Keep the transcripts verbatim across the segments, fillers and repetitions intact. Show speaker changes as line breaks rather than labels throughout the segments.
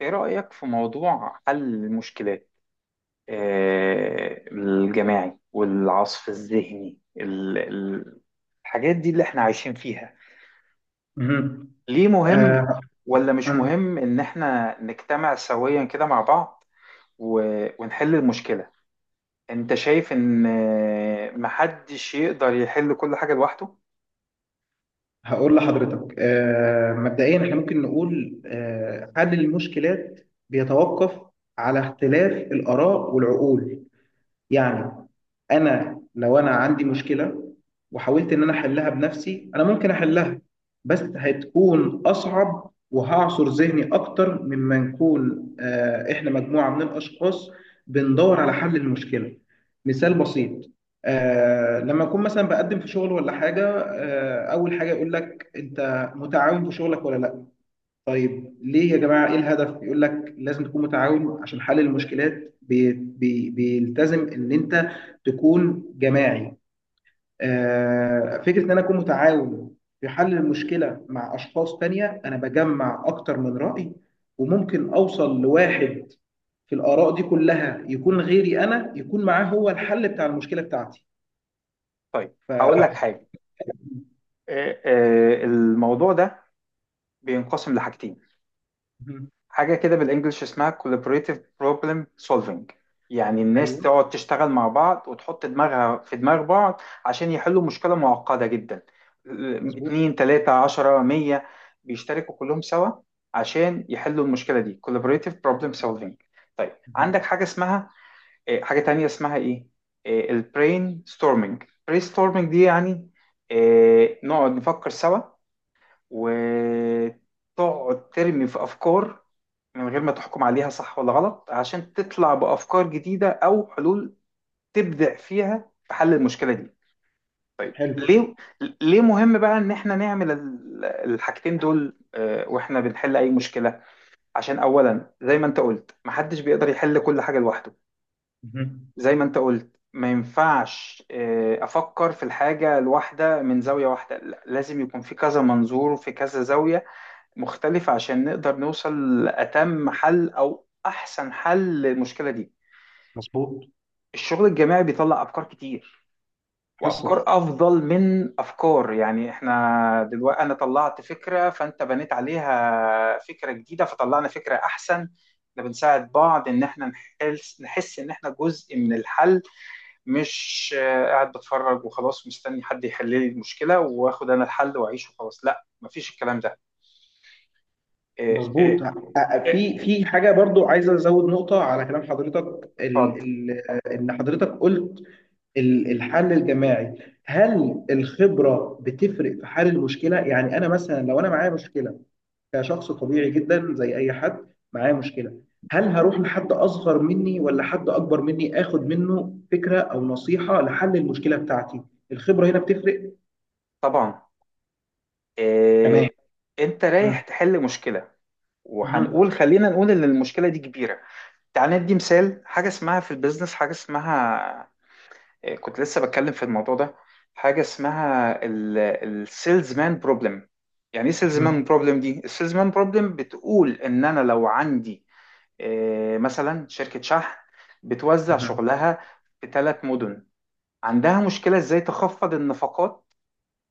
ايه رأيك في موضوع حل المشكلات آه، الجماعي والعصف الذهني ال- ال- الحاجات دي اللي احنا عايشين فيها.
مهم.
ليه مهم
آه
ولا مش
أنا
مهم ان احنا نجتمع سويا كده مع بعض و- ونحل المشكلة؟ انت شايف ان آه، محدش يقدر يحل كل حاجة لوحده.
هقول لحضرتك آه مبدئيا احنا ممكن نقول آه حل المشكلات بيتوقف على اختلاف الآراء والعقول، يعني انا لو انا عندي مشكله وحاولت ان انا احلها بنفسي، انا ممكن احلها بس هتكون اصعب وهعصر ذهني اكتر مما نكون، آه، احنا مجموعه من الاشخاص بندور على حل المشكله. مثال بسيط، آه، لما اكون مثلا بقدم في شغل ولا حاجه، آه، اول حاجه يقول لك انت متعاون في شغلك ولا لا. طيب ليه يا جماعة، إيه الهدف؟ يقول لك لازم تكون متعاون عشان حل المشكلات بي بي بيلتزم إن أنت تكون جماعي. آه، فكرة إن أنا أكون متعاون في حل المشكلة مع أشخاص تانية، أنا بجمع أكتر من رأي وممكن أوصل لواحد في الآراء دي كلها يكون غيري أنا يكون معاه هو الحل بتاع المشكلة بتاعتي.
طيب
ف
هقول لك حاجة، آه، آه، الموضوع ده بينقسم لحاجتين.
مهم.
حاجة كده بالانجلش اسمها collaborative problem solving، يعني الناس
أيوه.
تقعد تشتغل مع بعض وتحط دماغها في دماغ بعض عشان يحلوا مشكلة معقدة جدا. ال-
مظبوط.
اتنين تلاتة عشرة مية بيشتركوا كلهم سوا عشان يحلوا المشكلة دي، collaborative problem solving. طيب عندك
مهم.
حاجة اسمها آه، حاجة تانية، اسمها ايه؟ البرين ستورمينج. برين ستورمينج دي يعني آه، نقعد نفكر سوا، وتقعد ترمي في أفكار من غير ما تحكم عليها صح ولا غلط، عشان تطلع بأفكار جديدة أو حلول تبدع فيها في حل المشكلة دي. طيب
حلو.
ليه؟ ليه مهم بقى إن إحنا نعمل ال- الحاجتين دول آه، وإحنا بنحل أي مشكلة؟ عشان أولا زي ما أنت قلت محدش بيقدر يحل كل حاجة لوحده،
مهم.
زي ما أنت قلت ما ينفعش آه، أفكر في الحاجة الواحدة من زاوية واحدة، لا، لازم يكون في كذا منظور، في كذا زاوية مختلفة، عشان نقدر نوصل لأتم حل أو أحسن حل للمشكلة دي.
مظبوط.
الشغل الجماعي بيطلع أفكار كتير،
حصل.
وأفكار أفضل من أفكار، يعني إحنا دلوقتي أنا طلعت فكرة فأنت بنيت عليها فكرة جديدة فطلعنا فكرة أحسن. ده بنساعد بعض إن إحنا نحس نحس إن إحنا جزء من الحل، مش آه، قاعد بتفرج وخلاص مستني حد يحل لي المشكلة وآخد أنا الحل وأعيش وخلاص، لا مفيش الكلام ده. إيه إيه
مظبوط. أ- أ-
إيه،
في في حاجه برضو عايز ازود نقطه على كلام حضرتك، ال
اتفضل.
ال ان حضرتك قلت ال- الحل الجماعي. هل الخبره بتفرق في حل المشكله؟ يعني انا مثلا لو انا معايا مشكله كشخص طبيعي جدا زي اي حد، معايا مشكله، هل هروح لحد اصغر مني ولا حد اكبر مني اخد منه فكره او نصيحه لحل المشكله بتاعتي؟ الخبره هنا بتفرق.
طبعا.
تمام.
إيه. انت رايح
مهم.
تحل مشكله،
مهم.
وهنقول خلينا نقول ان المشكله دي كبيره. تعال ندي مثال، حاجه اسمها في البيزنس حاجه اسمها إيه؟ كنت لسه بتكلم في الموضوع ده. حاجه اسمها السيلز مان بروبلم. يعني ايه سيلز مان بروبلم دي؟ السيلز مان بروبلم بتقول ان انا لو عندي إيه مثلا شركه شحن بتوزع
مهم.
شغلها في ثلاث مدن، عندها مشكله ازاي تخفض النفقات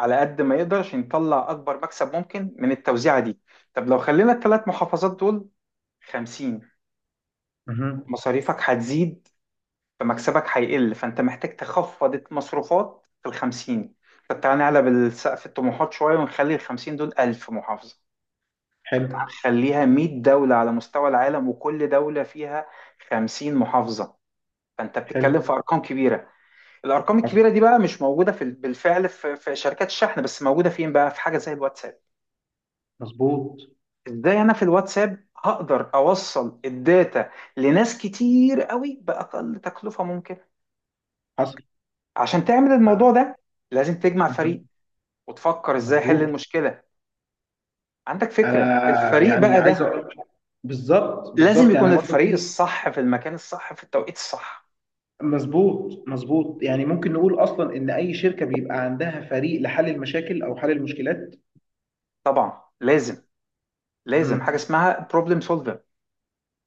على قد ما يقدر عشان يطلع أكبر مكسب ممكن من التوزيعة دي. طب لو خلينا الثلاث محافظات دول خمسين،
مهم.
مصاريفك هتزيد فمكسبك هيقل، فأنت محتاج تخفض المصروفات في ال خمسين. طب تعالى نعلى بالسقف الطموحات شوية ونخلي ال خمسين دول ألف محافظة. طب تعالى
حلو.
نخليها مية دولة على مستوى العالم وكل دولة فيها خمسين محافظة، فأنت بتتكلم في
حلو.
أرقام كبيرة. الأرقام
حصل.
الكبيرة دي بقى مش موجودة في بالفعل في في شركات الشحن، بس موجودة فين بقى؟ في حاجة زي الواتساب.
مظبوط.
ازاي انا في الواتساب هقدر اوصل الداتا لناس كتير قوي باقل تكلفه ممكن؟
حصل.
عشان تعمل
آه.
الموضوع ده لازم تجمع فريق
مهم.
وتفكر ازاي حل
مظبوط.
المشكله. عندك فكره
انا
الفريق
يعني
بقى
عايز
ده؟
اقول بالظبط
لازم
بالظبط،
يكون
يعني برضو
الفريق
في،
الصح في المكان الصح في التوقيت الصح.
مظبوط مظبوط، يعني ممكن نقول اصلا ان اي شركه بيبقى عندها فريق لحل المشاكل او حل المشكلات.
طبعا لازم. لازم حاجه
مم.
اسمها بروبلم سولفر،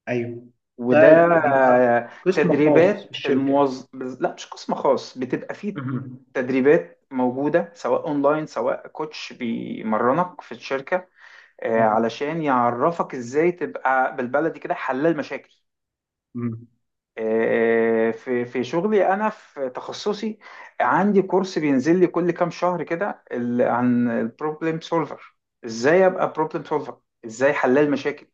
ايوه،
وده
ده بيبقى
آه،
قسم خاص في
تدريبات
الشركه.
الموظف، لا، مش قسم خاص بتبقى فيه،
مم.
تدريبات موجودة سواء اونلاين سواء كوتش بيمرنك في الشركة، آه،
آه.
علشان يعرفك ازاي تبقى بالبلدي كده حلال مشاكل.
مم.
آه، في في شغلي انا، في تخصصي، عندي كورس بينزل لي كل كام شهر كده ال- عن البروبلم سولفر، ازاي ابقى بروبلم سولفر، ازاي حلال مشاكل.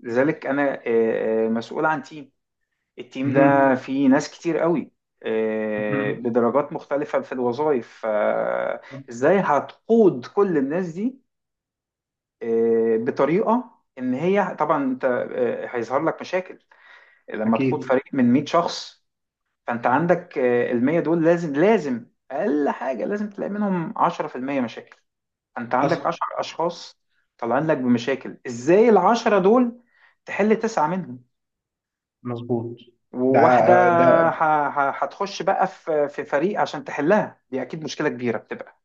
لذلك انا آه، آه، مسؤول عن تيم، التيم
مم.
ده فيه ناس كتير قوي آه،
مم.
بدرجات مختلفة في الوظائف، فازاي هتقود كل الناس دي آه، بطريقة ان هي؟ طبعا انت آه، هيظهر لك مشاكل لما تقود
اكيد.
فريق من مية شخص، فانت عندك آه، ال مية دول لازم، لازم اقل حاجة لازم تلاقي منهم عشرة في المية مشاكل، فانت عندك
حصل.
عشرة اشخاص طالعين لك بمشاكل. ازاي العشرة دول تحل تسعة منهم
مظبوط. ده
وواحدة
ده
ه- ه- هتخش بقى في في فريق عشان تحلها؟ دي أكيد مشكلة كبيرة بتبقى،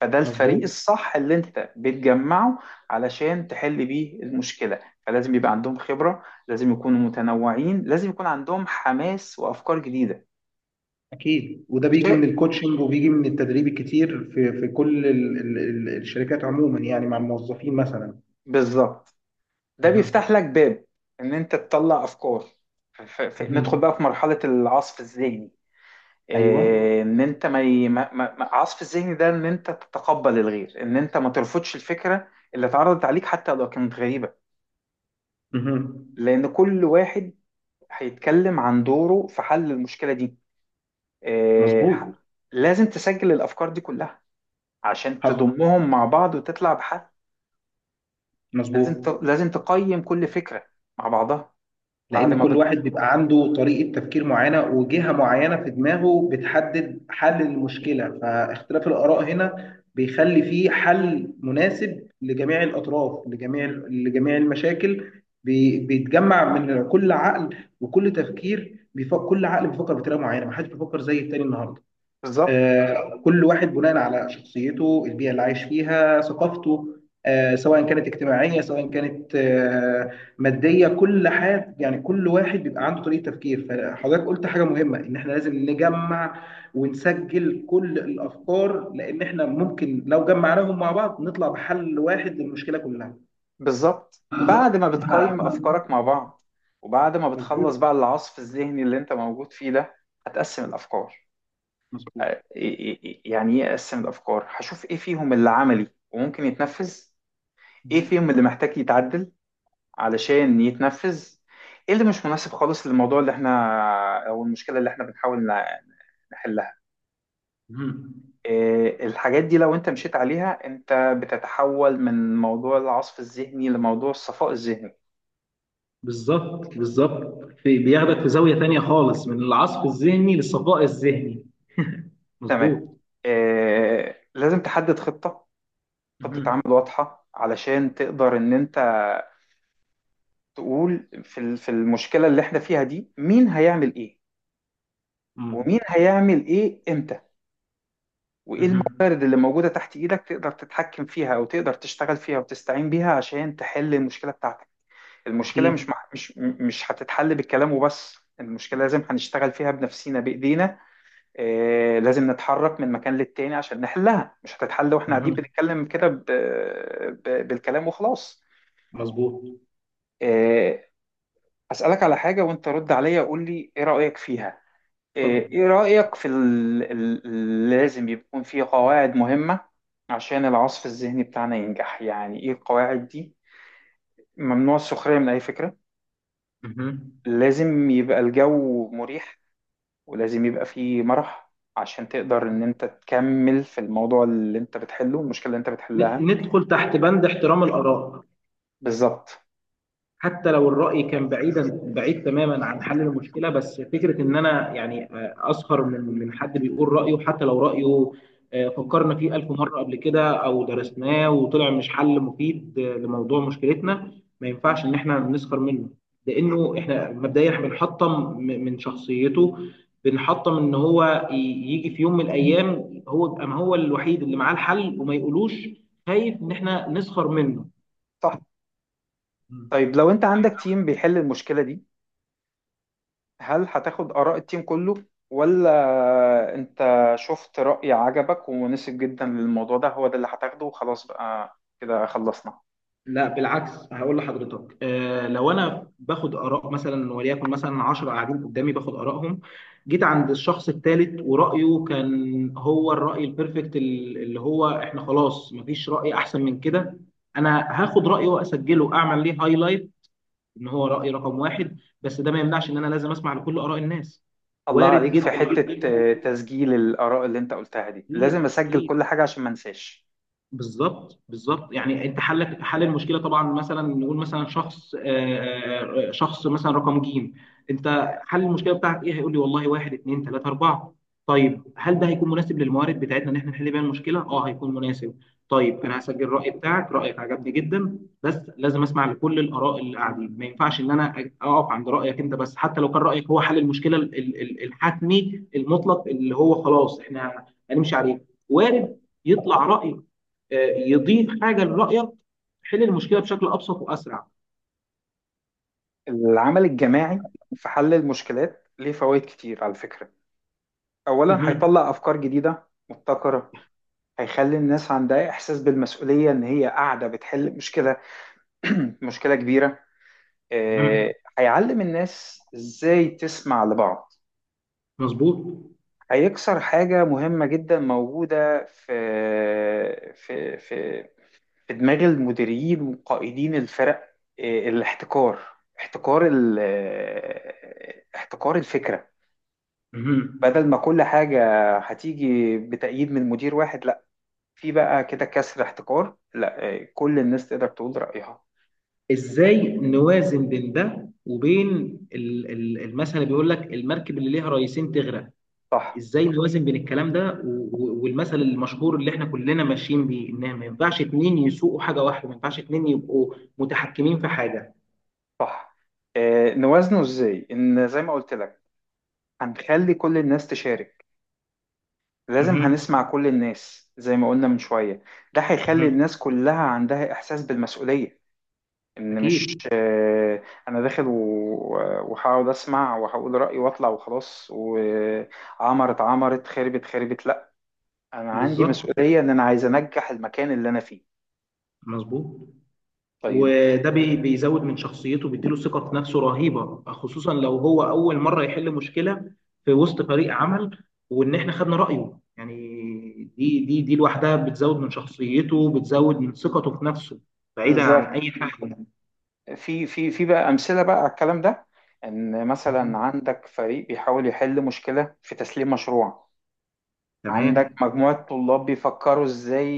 فده الفريق
مظبوط.
الصح اللي أنت بتجمعه علشان تحل بيه المشكلة. فلازم يبقى عندهم خبرة، لازم يكونوا متنوعين، لازم يكون عندهم حماس وأفكار جديدة.
اكيد، وده بيجي من
شيء.
الكوتشنج وبيجي من التدريب الكتير في في كل ال ال ال الشركات عموما، يعني مع الموظفين مثلا.
بالظبط، ده بيفتح
مهم.
لك باب إن أنت تطلع أفكار. ف- ف- ندخل
مهم.
بقى في مرحلة العصف الذهني.
ايوه.
إيه، ان انت ما ي- ما- ما- ما- عصف الذهن ده ان انت تتقبل الغير، ان انت ما ترفضش الفكره اللي اتعرضت عليك حتى لو كانت غريبه،
مهم.
لان كل واحد هيتكلم عن دوره في حل المشكله دي. إيه، ح-
مظبوط.
لازم تسجل الافكار دي كلها عشان
حصل.
تضمهم مع بعض وتطلع بحل.
مظبوط.
لازم ت- لازم تقيم كل فكره مع بعضها. بعد
لان
ما
كل واحد
بت...
بيبقى عنده طريقة تفكير معينة، وجهة معينة في دماغه بتحدد حل المشكلة، فاختلاف الآراء هنا بيخلي فيه حل مناسب لجميع الأطراف، لجميع لجميع المشاكل. بي- بيتجمع من كل عقل وكل تفكير، بيفكر كل عقل بيفكر بطريقة معينة، محدش بيفكر زي التاني النهاردة.
بالظبط
آه، كل واحد بناء على شخصيته، البيئة اللي عايش فيها، ثقافته، آه، سواء كانت اجتماعية سواء كانت آه، مادية، كل حد، يعني كل واحد بيبقى عنده طريقة تفكير. فحضرتك قلت حاجة مهمة، إن إحنا لازم نجمع ونسجل كل الأفكار، لأن إحنا ممكن لو جمعناهم مع بعض نطلع بحل واحد للمشكلة كلها.
بالظبط. بعد ما بتقيم أفكارك مع بعض وبعد ما بتخلص
مظبوط
بقى العصف الذهني اللي أنت موجود فيه ده، هتقسم الأفكار.
مظبوط.
آه، إيه- إيه- إيه- يعني إيه أقسم الأفكار؟ هشوف إيه فيهم اللي عملي وممكن يتنفذ، إيه
مهم.
فيهم اللي محتاج يتعدل علشان يتنفذ، إيه اللي مش مناسب خالص للموضوع اللي إحنا، أو المشكلة اللي إحنا بنحاول نع- نحلها.
مهم.
إيه، الحاجات دي لو أنت مشيت عليها أنت بتتحول من موضوع العصف الذهني لموضوع الصفاء الذهني.
بالظبط بالظبط، في بياخدك في زاوية تانية خالص، من العصف الذهني للصفاء الذهني.
تمام.
مظبوط.
آه، لازم تحدد خطة، خطة عمل
مهم.
واضحة علشان تقدر ان انت تقول في ال- في المشكلة اللي احنا فيها دي مين هيعمل ايه،
مم.
ومين هيعمل ايه امتى، وايه
مهم.
الموارد اللي موجودة تحت ايدك تقدر تتحكم فيها او تقدر تشتغل فيها وتستعين بيها عشان تحل المشكلة بتاعتك. المشكلة مش
أكيد.
مع- مش مش هتتحل بالكلام وبس، المشكلة لازم هنشتغل فيها بنفسينا بإيدينا. آه، لازم نتحرك من مكان للتاني عشان نحلها، مش هتتحل واحنا قاعدين
مهم.
بنتكلم كده ب- ب- بالكلام وخلاص.
مظبوط.
آه، أسألك على حاجة وانت رد عليا قول لي ايه رأيك فيها. آه،
اتفضل.
ايه رأيك في ال- ال- ال- لازم يكون في قواعد مهمة عشان العصف الذهني بتاعنا ينجح؟ يعني ايه القواعد دي؟ ممنوع السخرية من اي فكرة،
مهم.
لازم يبقى الجو مريح ولازم يبقى فيه مرح عشان تقدر ان انت تكمل في الموضوع اللي انت بتحله، المشكلة اللي انت
ن-
بتحلها.
ندخل تحت بند احترام الآراء،
بالظبط.
حتى لو الرأي كان بعيدا، بعيد تماما عن حل المشكلة. بس فكرة ان انا يعني آه، اسخر من من حد بيقول رأيه، حتى لو رأيه آه، فكرنا فيه ألف مرة قبل كده او درسناه وطلع مش حل مفيد آه، لموضوع مشكلتنا، ما ينفعش ان احنا نسخر منه، لانه احنا مبدئيا إحنا بنحطم م- من شخصيته، بنحطم ان هو ي- يجي في يوم من الايام هو يبقى ما هو الوحيد اللي معاه الحل وما يقولوش، خايف ان احنا نسخر منه.
صح. طيب لو انت عندك تيم بيحل المشكلة دي، هل هتاخد آراء التيم كله، ولا انت شفت رأي عجبك ومناسب جدا للموضوع ده هو ده اللي هتاخده وخلاص بقى كده خلصنا؟
لا بالعكس، هقول لحضرتك آه لو انا باخد اراء مثلا، وليكن مثلا عشرة قاعدين قدامي، باخد ارائهم، جيت عند الشخص الثالث ورايه كان هو الراي البرفكت ال- اللي هو احنا خلاص مفيش راي احسن من كده، انا هاخد رايه واسجله، اعمل ليه هايلايت، ان هو راي رقم واحد، بس ده ما يمنعش ان انا لازم اسمع لكل اراء الناس.
الله
وارد
عليك في
جدا.
حتة آه، تسجيل الآراء اللي انت قلتها دي،
اكيد
لازم اسجل
اكيد.
كل حاجة عشان ما انساش.
بالظبط بالظبط، يعني انت حلك حل المشكله، طبعا مثلا نقول مثلا شخص آه، آه، آه، شخص مثلا رقم جيم، انت حل المشكله بتاعك ايه؟ هيقول لي والله واحد اتنين تلاته اربعه. طيب هل ده هيكون مناسب للموارد بتاعتنا ان احنا نحل بيها المشكله؟ اه هيكون مناسب. طيب انا هسجل الراي بتاعك، رايك عجبني جدا، بس لازم اسمع لكل الاراء اللي قاعدين، ما ينفعش ان انا أج- اقف عند رايك انت بس، حتى لو كان رايك هو حل المشكله ال- ال- الحتمي المطلق اللي هو خلاص احنا هنمشي عليه. وارد يطلع رأي آه، يضيف حاجه لرايك، تحل المشكله بشكل ابسط واسرع.
العمل الجماعي في حل المشكلات ليه فوائد كتير على فكرة. اولا
مهم.
هيطلع افكار جديدة مبتكرة، هيخلي الناس عندها احساس بالمسؤولية ان هي قاعدة بتحل مشكلة، مشكلة كبيرة. آه،
مهم.
هيعلم الناس ازاي تسمع لبعض.
مظبوط.
هيكسر حاجة مهمة جدا موجودة في في في في دماغ المديرين وقائدين الفرق، آه، الاحتكار، احتكار ال- آه، احتكار الفكرة.
مهم.
بدل ما كل حاجة هتيجي بتأييد من مدير واحد، لا، في بقى كده كسر احتكار، لا آه، كل الناس تقدر تقول رأيها. انت.
ازاي نوازن بين ده وبين ال- ال- المثل اللي بيقول لك المركب اللي ليها رئيسين تغرق؟
صح.
ازاي نوازن بين الكلام ده و- و- والمثل المشهور اللي احنا كلنا ماشيين بيه، ان ما ينفعش اتنين يسوقوا حاجه واحده، ما ينفعش اتنين يبقوا متحكمين في حاجه.
صح. آه، نوازنه ازاي؟ ان زي ما قلت لك هنخلي كل الناس تشارك، لازم
مهم.
هنسمع كل الناس زي ما قلنا من شوية. ده هيخلي
مهم.
الناس كلها عندها احساس بالمسؤولية، ان مش
اكيد.
آه، انا داخل و- وهقعد اسمع وهقول رأيي واطلع وخلاص، وعمرت عمرت خربت خربت لا، انا عندي
بالظبط.
مسؤولية ان انا عايز انجح المكان اللي انا فيه.
مظبوط.
طيب.
وده بي- بيزود من شخصيته، بيديله ثقة في نفسه رهيبة، خصوصا لو هو أول مرة يحل مشكلة في وسط فريق عمل، وإن إحنا خدنا رأيه يعني، دي دي دي لوحدها بتزود من شخصيته، بتزود من ثقته في نفسه، بعيدا عن
بالظبط.
أي حاجة.
في في في بقى امثله بقى على الكلام ده، ان مثلا عندك فريق بيحاول يحل مشكله في تسليم مشروع، عندك
تمام.
مجموعه طلاب بيفكروا ازاي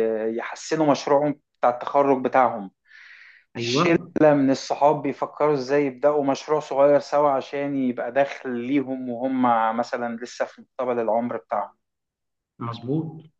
آه، يحسنوا مشروعهم بتاع التخرج بتاعهم، شله
أيوه.
من الصحاب بيفكروا ازاي يبداوا مشروع صغير سوا عشان يبقى دخل ليهم وهم مثلا لسه في مقتبل العمر بتاعهم.
مظبوط.